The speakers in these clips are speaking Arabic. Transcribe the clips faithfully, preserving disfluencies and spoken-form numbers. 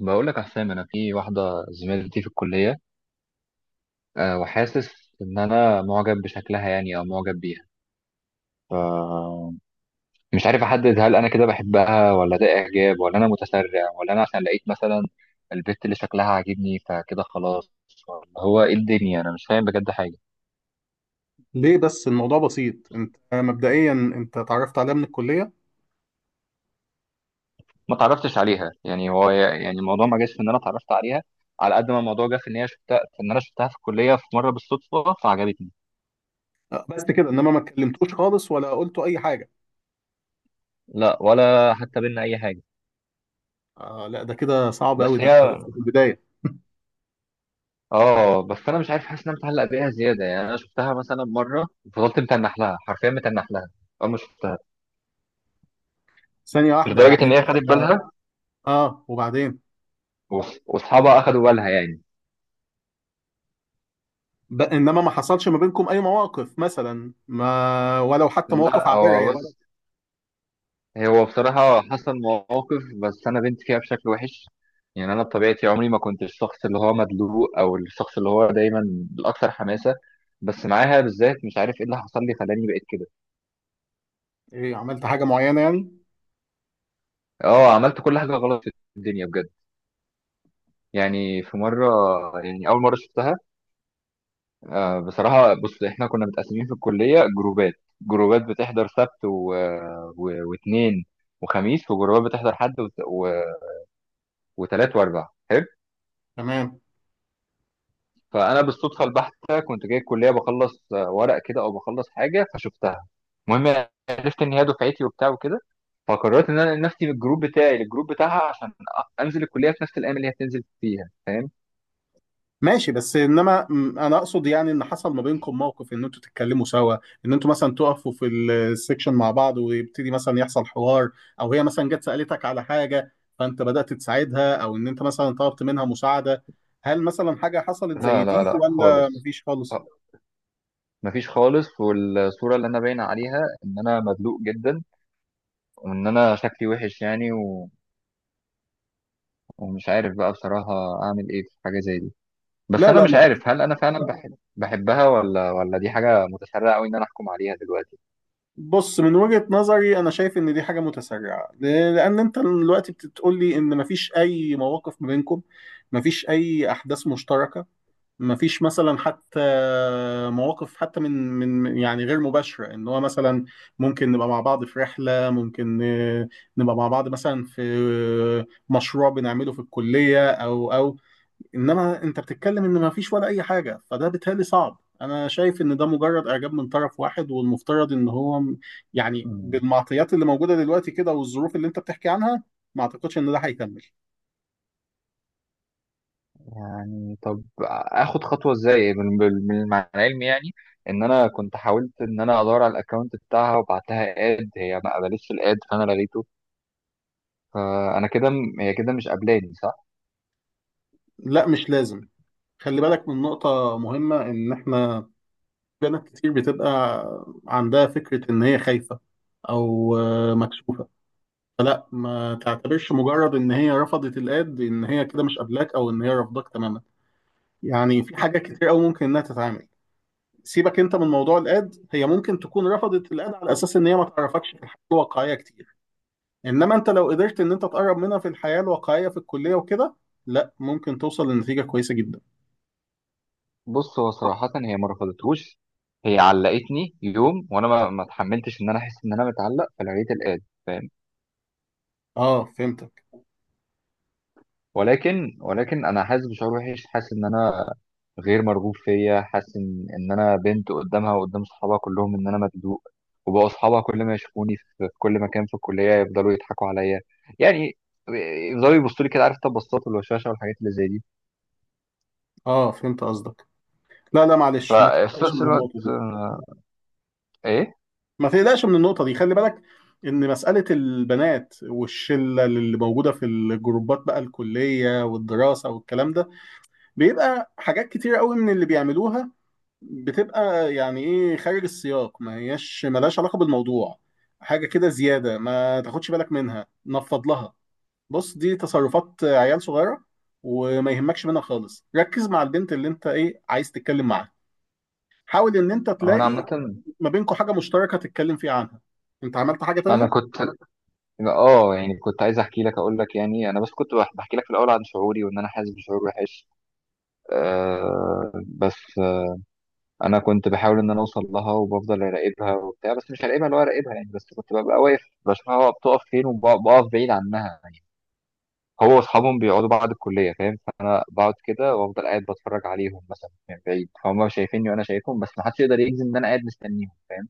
بقول لك يا حسام، انا في واحده زميلتي في الكليه. أه وحاسس ان انا معجب بشكلها، يعني او معجب بيها. ف مش عارف احدد، هل انا كده بحبها ولا ده اعجاب ولا انا متسرع، ولا انا عشان لقيت مثلا البت اللي شكلها عاجبني فكده خلاص، ولا هو ايه الدنيا، انا مش فاهم بجد حاجه. ليه بس؟ الموضوع بسيط. انت مبدئيا انت اتعرفت عليها من الكليه. ما اتعرفتش عليها، يعني هو يعني الموضوع ما جاش في ان انا اتعرفت عليها، على قد ما الموضوع جه في ان هي شفتها، في ان انا شفتها في الكليه في مره بالصدفه فعجبتني. آه، بس كده، انما ما اتكلمتوش خالص ولا قلتوا اي حاجه. لا، ولا حتى بينا اي حاجه. آه لا، ده كده صعب قوي. بس ده انت هي، لسه في البدايه. اه بس انا مش عارف، حاسس ان انا متعلق بيها زياده، يعني انا شفتها مثلا مره فضلت متنح لها، حرفيا متنح لها اول ما شفتها، ثانيه واحده، لدرجه يعني ان هي انت خدت بالها. اه وبعدين وص- واصحابها اخدوا بالها يعني. ب... انما ما حصلش ما بينكم اي مواقف، مثلا ما، ولو حتى مواقف لا عابره هو يعني. بس، هو بصراحه حصل مواقف، بس انا بنت فيها بشكل وحش. يعني انا بطبيعتي عمري ما كنت الشخص اللي هو مدلوق، او الشخص اللي هو دايما الاكثر حماسه، بس معاها بالذات مش عارف ايه اللي حصل لي خلاني بقيت كده. ايه؟ عملت حاجه معينه يعني؟ اه، عملت كل حاجه غلط في الدنيا بجد. يعني في مره، يعني اول مره شفتها، آه، بصراحة بص، احنا كنا متقسمين في الكلية جروبات. جروبات بتحضر سبت و... و... واثنين وخميس، وجروبات بتحضر حد وت... و... وتلات واربع حلو. تمام. فأنا بالصدفة البحتة كنت جاي الكلية بخلص آه، ورق كده، أو بخلص حاجة فشفتها. المهم أنا عرفت إن هي دفعتي وبتاع وكده، فقررت إن أنا أنقل نفسي من الجروب بتاعي للجروب بتاعها، عشان أ- أنزل الكلية في نفس الأيام اللي هي بتنزل فيها. فاهم؟ ماشي، بس انما م- انا اقصد يعني ان حصل ما بينكم موقف، ان انتوا تتكلموا سوا، ان انتوا مثلا تقفوا في السكشن مع بعض ويبتدي مثلا يحصل حوار، او هي مثلا جت سألتك على حاجة فانت بدأت تساعدها، او ان انت مثلا طلبت منها مساعدة. هل مثلا حاجة حصلت زي لا لا دي لا ولا خالص. مفيش خالص؟ آه، مفيش خالص، والصورة اللي أنا باين عليها إن أنا مدلوق جدا، وان انا شكلي وحش يعني، و... ومش عارف بقى بصراحة اعمل ايه في حاجة زي دي. بس لا انا لا مش ما. عارف هل انا فعلا بحب بحبها ولا ولا دي حاجة متسرعة قوي ان انا احكم عليها دلوقتي. بص، من وجهة نظري انا شايف ان دي حاجة متسرعة، ل- لان انت دلوقتي بتقول لي ان مفيش اي مواقف ما بينكم، مفيش اي احداث مشتركة، ما فيش مثلا حتى مواقف، حتى من من يعني غير مباشرة، ان هو مثلا ممكن نبقى مع بعض في رحلة، ممكن آه، نبقى مع بعض مثلا في آه، مشروع بنعمله في الكلية او او. انما انت بتتكلم ان ما فيش ولا اي حاجة، فده بالتالي صعب. انا شايف ان ده مجرد اعجاب من طرف واحد، والمفترض ان هو م- يعني مم. بالمعطيات اللي موجودة دلوقتي كده والظروف اللي انت بتحكي عنها، ما اعتقدش ان ده هيكمل. يعني طب اخد خطوة ازاي، من من من- مع العلم يعني ان انا كنت حاولت ان انا ادور على الاكونت بتاعها، وبعت لها اد، هي ما قبلتش الاد فانا لغيته. فانا كده م- هي كده مش قابلاني، صح؟ لا، مش لازم. خلي بالك من نقطة مهمة، ان احنا بنات كتير بتبقى عندها فكرة إن هي خايفة أو آه، مكسوفة. فلا، ما تعتبرش مجرد إن هي رفضت الاد إن هي كده مش قابلاك أو إن هي رافضاك تماما. يعني في حاجات كتير أوي ممكن إنها تتعامل. سيبك أنت من موضوع الاد، هي ممكن تكون رفضت الاد على أساس إن هي ما تعرفكش في الحياة الواقعية كتير. إنما أنت لو قدرت إن أنت تقرب منها في الحياة الواقعية في الكلية وكده، لا ممكن توصل لنتيجة كويسة جدا. بص، هو صراحة هي ما رفضتهوش، هي علقتني يوم وانا ما ما اتحملتش ان انا احس ان انا متعلق فلقيت الآد. فاهم؟ اه فهمتك. ولكن ولكن انا حاسس بشعور وحش، حاسس ان انا غير مرغوب فيا، حاسس ان ان انا بنت قدامها وقدام صحابها كلهم ان انا مبدوق. وبقوا اصحابها كل ما يشوفوني في في كل مكان في الكلية يفضلوا يضحكوا عليا، يعني يفضلوا يبصوا لي كده، عارف؟ تبصات والوشاشة والحاجات اللي زي دي. اه فهمت قصدك. لا لا، معلش ما ففي تقلقش نفس من النقطة الوقت دي. آه، ايه. ما تقلقش من النقطة دي، خلي بالك إن مسألة البنات والشلة اللي موجودة في الجروبات بقى الكلية والدراسة والكلام ده، بيبقى حاجات كتير قوي من اللي بيعملوها بتبقى يعني إيه خارج السياق، ما هياش ملهاش علاقة بالموضوع. حاجة كده زيادة، ما تاخدش بالك منها، نفض لها. بص دي تصرفات عيال صغيرة، وما يهمكش منها خالص. ركز مع البنت اللي أنت إيه عايز تتكلم معاها. حاول إن أنت هو انا تلاقي عامة، ما بينكم حاجة مشتركة تتكلم فيها عنها. أنت عملت حاجة انا تانية؟ كنت، اه يعني كنت عايز احكي لك، اقول لك يعني انا بس كنت بح- بحكي لك في الاول عن شعوري، وان انا حاسس بشعور وحش. آه بس انا كنت بحاول ان انا اوصل لها، وبفضل اراقبها وبتاع، بس مش هراقبها اللي هو اراقبها يعني، بس كنت ببقى واقف بشوفها هو بتقف فين وبقف بعيد عنها يعني. هو واصحابهم بيقعدوا بعد الكليه، فاهم؟ فانا بقعد كده وافضل قاعد بتفرج عليهم مثلا من بعيد، فهم شايفيني وانا شايفهم، بس محدش يقدر يجزم ان انا قاعد مستنيهم. فاهم؟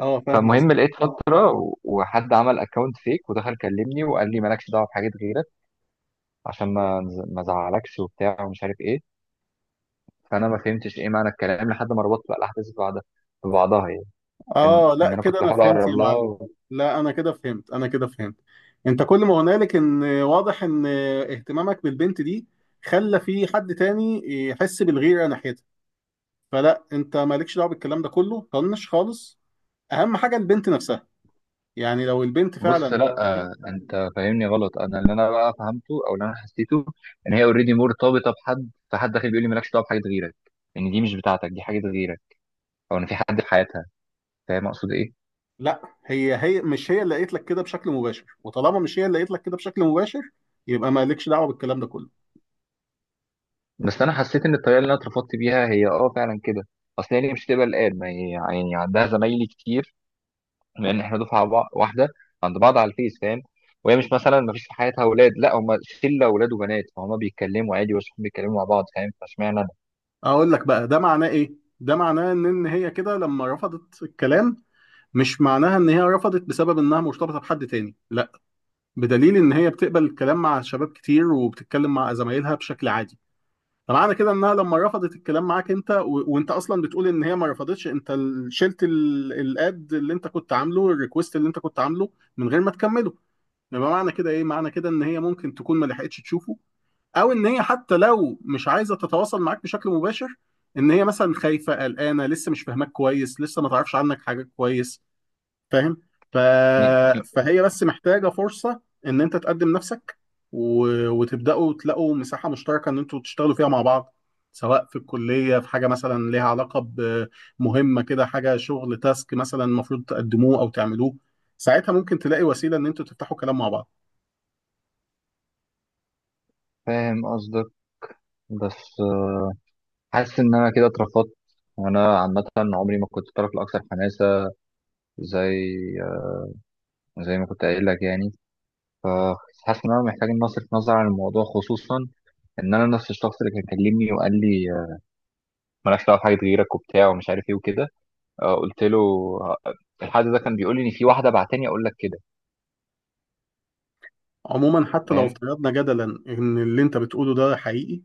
اه فاهم قصدي. فالمهم لقيت فتره، و- وحد عمل اكونت فيك ودخل كلمني وقال لي مالكش دعوه بحاجات غيرك، عشان ما نز- ما ازعلكش وبتاع ومش عارف ايه. فانا ما فهمتش ايه معنى الكلام لحد ما ربطت بقى الاحداث ببعضها ببعضها يعني. ان اه ان لا، انا كنت كده انا بحاول فهمت يا اقرب لها معلم. و- لا انا كده فهمت، انا كده فهمت. انت كل ما هنالك ان واضح ان اهتمامك بالبنت دي خلى في حد تاني يحس بالغيرة ناحيتها. فلا، انت مالكش دعوه بالكلام ده كله، طنش خالص. اهم حاجه البنت نفسها. يعني لو البنت بص فعلا، لا. آه، انت فاهمني غلط. انا اللي انا بقى فهمته او اللي انا حسيته ان هي اوريدي مرتبطه بحد، فحد داخل بيقول لي مالكش دعوه بحاجه غيرك، ان دي مش بتاعتك، دي حاجه غيرك، او ان في حد في حياتها. فاهم اقصد ايه؟ لا هي هي مش هي اللي قالت لك كده بشكل مباشر، وطالما مش هي اللي قالت لك كده بشكل مباشر، يبقى مالكش دعوه بالكلام ده كله. بس انا حسيت ان الطريقه اللي انا اترفضت بيها هي اه فعلا كده، اصل هي ليه مش تبقى الآن، ما هي يعني عندها زمايلي كتير، لان احنا دفعه بع- واحده، عند بعض على الفيس، فاهم؟ وهي مش مثلا ما فيش في حياتها اولاد، لا هم شله اولاد وبنات، فهم بيتكلموا عادي واصحاب بيتكلموا مع بعض، فاهم؟ فاشمعنى انا؟ اقول لك بقى ده معناه ايه. ده معناه ان إن هي كده لما رفضت الكلام، مش معناها ان هي رفضت بسبب انها مرتبطه بحد تاني، لا. بدليل ان هي بتقبل الكلام مع شباب كتير وبتتكلم مع زمايلها بشكل عادي. فمعنى كده انها لما رفضت الكلام معاك انت و... وانت اصلا بتقول ان هي ما رفضتش، انت ال- شلت ال... الاد اللي انت كنت عامله، الريكوست اللي انت كنت عامله من غير ما تكمله، يبقى معنى كده ايه؟ معنى كده ان هي ممكن تكون ما لحقتش تشوفه، او ان هي حتى لو مش عايزه تتواصل معاك بشكل مباشر، ان هي مثلا خايفه قلقانه لسه مش فاهماك كويس لسه ما تعرفش عنك حاجه كويس. فاهم؟ ف... يعني، فهي بس محتاجة فرصة ان انت تقدم نفسك، و... وتبدأوا تلاقوا مساحة مشتركة ان انتوا تشتغلوا فيها مع بعض، سواء في الكلية في حاجة مثلا ليها علاقة بمهمة كده، حاجة شغل، تاسك مثلا المفروض تقدموه او تعملوه، ساعتها ممكن تلاقي وسيلة ان انتوا تفتحوا كلام مع بعض. فاهم قصدك. بس آه، حاسس ان انا كده اترفضت. وانا عامه عمري ما كنت الطرف الاكثر حماسه، زي زي ما كنت قايل لك يعني. فحاسس ان انا محتاج ان اصرف نظر عن الموضوع، خصوصا ان انا نفس الشخص اللي كان كلمني وقال لي آه، مالكش دعوه بحاجه غيرك وبتاع ومش عارف ايه وكده. آه، قلت له آه، الحد ده كان بيقول لي ان في واحده بعتني اقول لك كده. عموما، حتى لو فاهم؟ افترضنا جدلا ان اللي انت بتقوله ده حقيقي،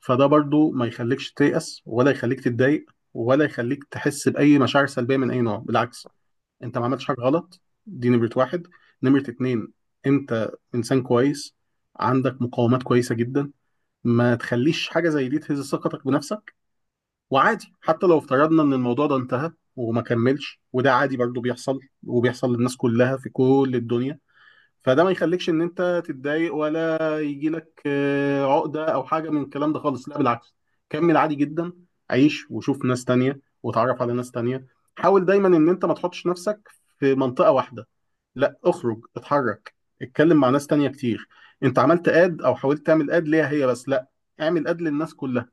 فده برضو ما يخليكش تيأس، ولا يخليك تتضايق، ولا يخليك تحس بأي مشاعر سلبية من أي نوع. بالعكس، انت ما عملتش حاجه غلط، دي نمره واحد. نمره اتنين، انت انسان كويس، عندك مقاومات كويسه جدا. ما تخليش حاجه زي دي تهز ثقتك بنفسك. وعادي حتى لو افترضنا ان الموضوع ده انتهى وما كملش، وده عادي برضه بيحصل وبيحصل للناس كلها في كل الدنيا. فده ما يخليكش ان انت تتضايق، ولا يجي لك آه، عقدة او حاجة من الكلام ده خالص. لا بالعكس، كمل عادي جدا. عيش وشوف ناس تانية وتعرف على ناس تانية. حاول دايما ان انت ما تحطش نفسك في منطقة واحدة. لا اخرج، اتحرك، اتكلم مع ناس تانية كتير. انت عملت اد او حاولت تعمل اد ليها هي بس، لا اعمل اد للناس كلها.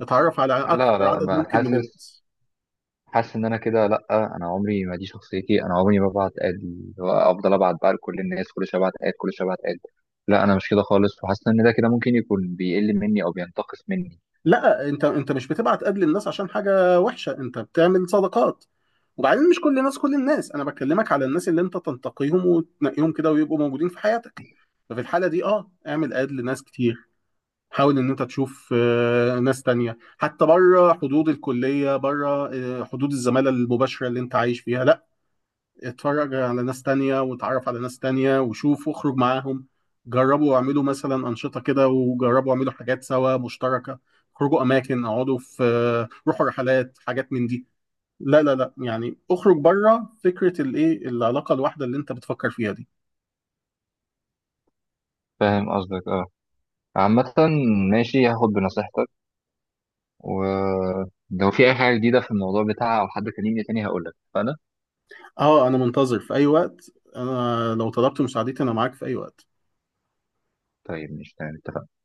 اتعرف على اكتر لا لا، عدد ما ممكن من حاسس، الناس. حاسس ان انا كده لا. انا عمري ما دي شخصيتي، انا عمري ما ببعت اد، اللي هو افضل ابعت بقى لكل الناس كل شويه ابعت اد كل شويه ابعت اد، لا انا مش كده خالص، وحاسس ان ده كده ممكن يكون بيقل مني او بينتقص مني. لا، انت انت مش بتبعت اد للناس عشان حاجة وحشة، انت بتعمل صداقات. وبعدين مش كل الناس، كل الناس انا بكلمك على الناس اللي انت تنتقيهم وتنقيهم كده ويبقوا موجودين في حياتك. ففي الحاله دي اه اعمل اد لناس كتير. حاول ان انت تشوف آه، ناس تانية حتى بره حدود الكليه، بره آه، حدود الزماله المباشره اللي انت عايش فيها. لا، اتفرج على ناس تانية وتعرف على ناس تانية وشوف واخرج معاهم. جربوا اعملوا مثلا انشطه كده، وجربوا اعملوا حاجات سوا مشتركه. اخرجوا اماكن، اقعدوا في آه، روحوا رحلات، حاجات من دي. لا لا لا، يعني اخرج بره فكره الايه، العلاقه الواحده اللي انت بتفكر فيها دي. فاهم قصدك، اه. عامة ماشي، هاخد بنصيحتك، ولو في اي حاجة جديدة في الموضوع بتاعها او حد كلمني تاني هقولك، فانا، اه انا منتظر في اي وقت، انا لو طلبت مساعدتي انا معاك في اي وقت. طيب مش تمام، اتفقنا؟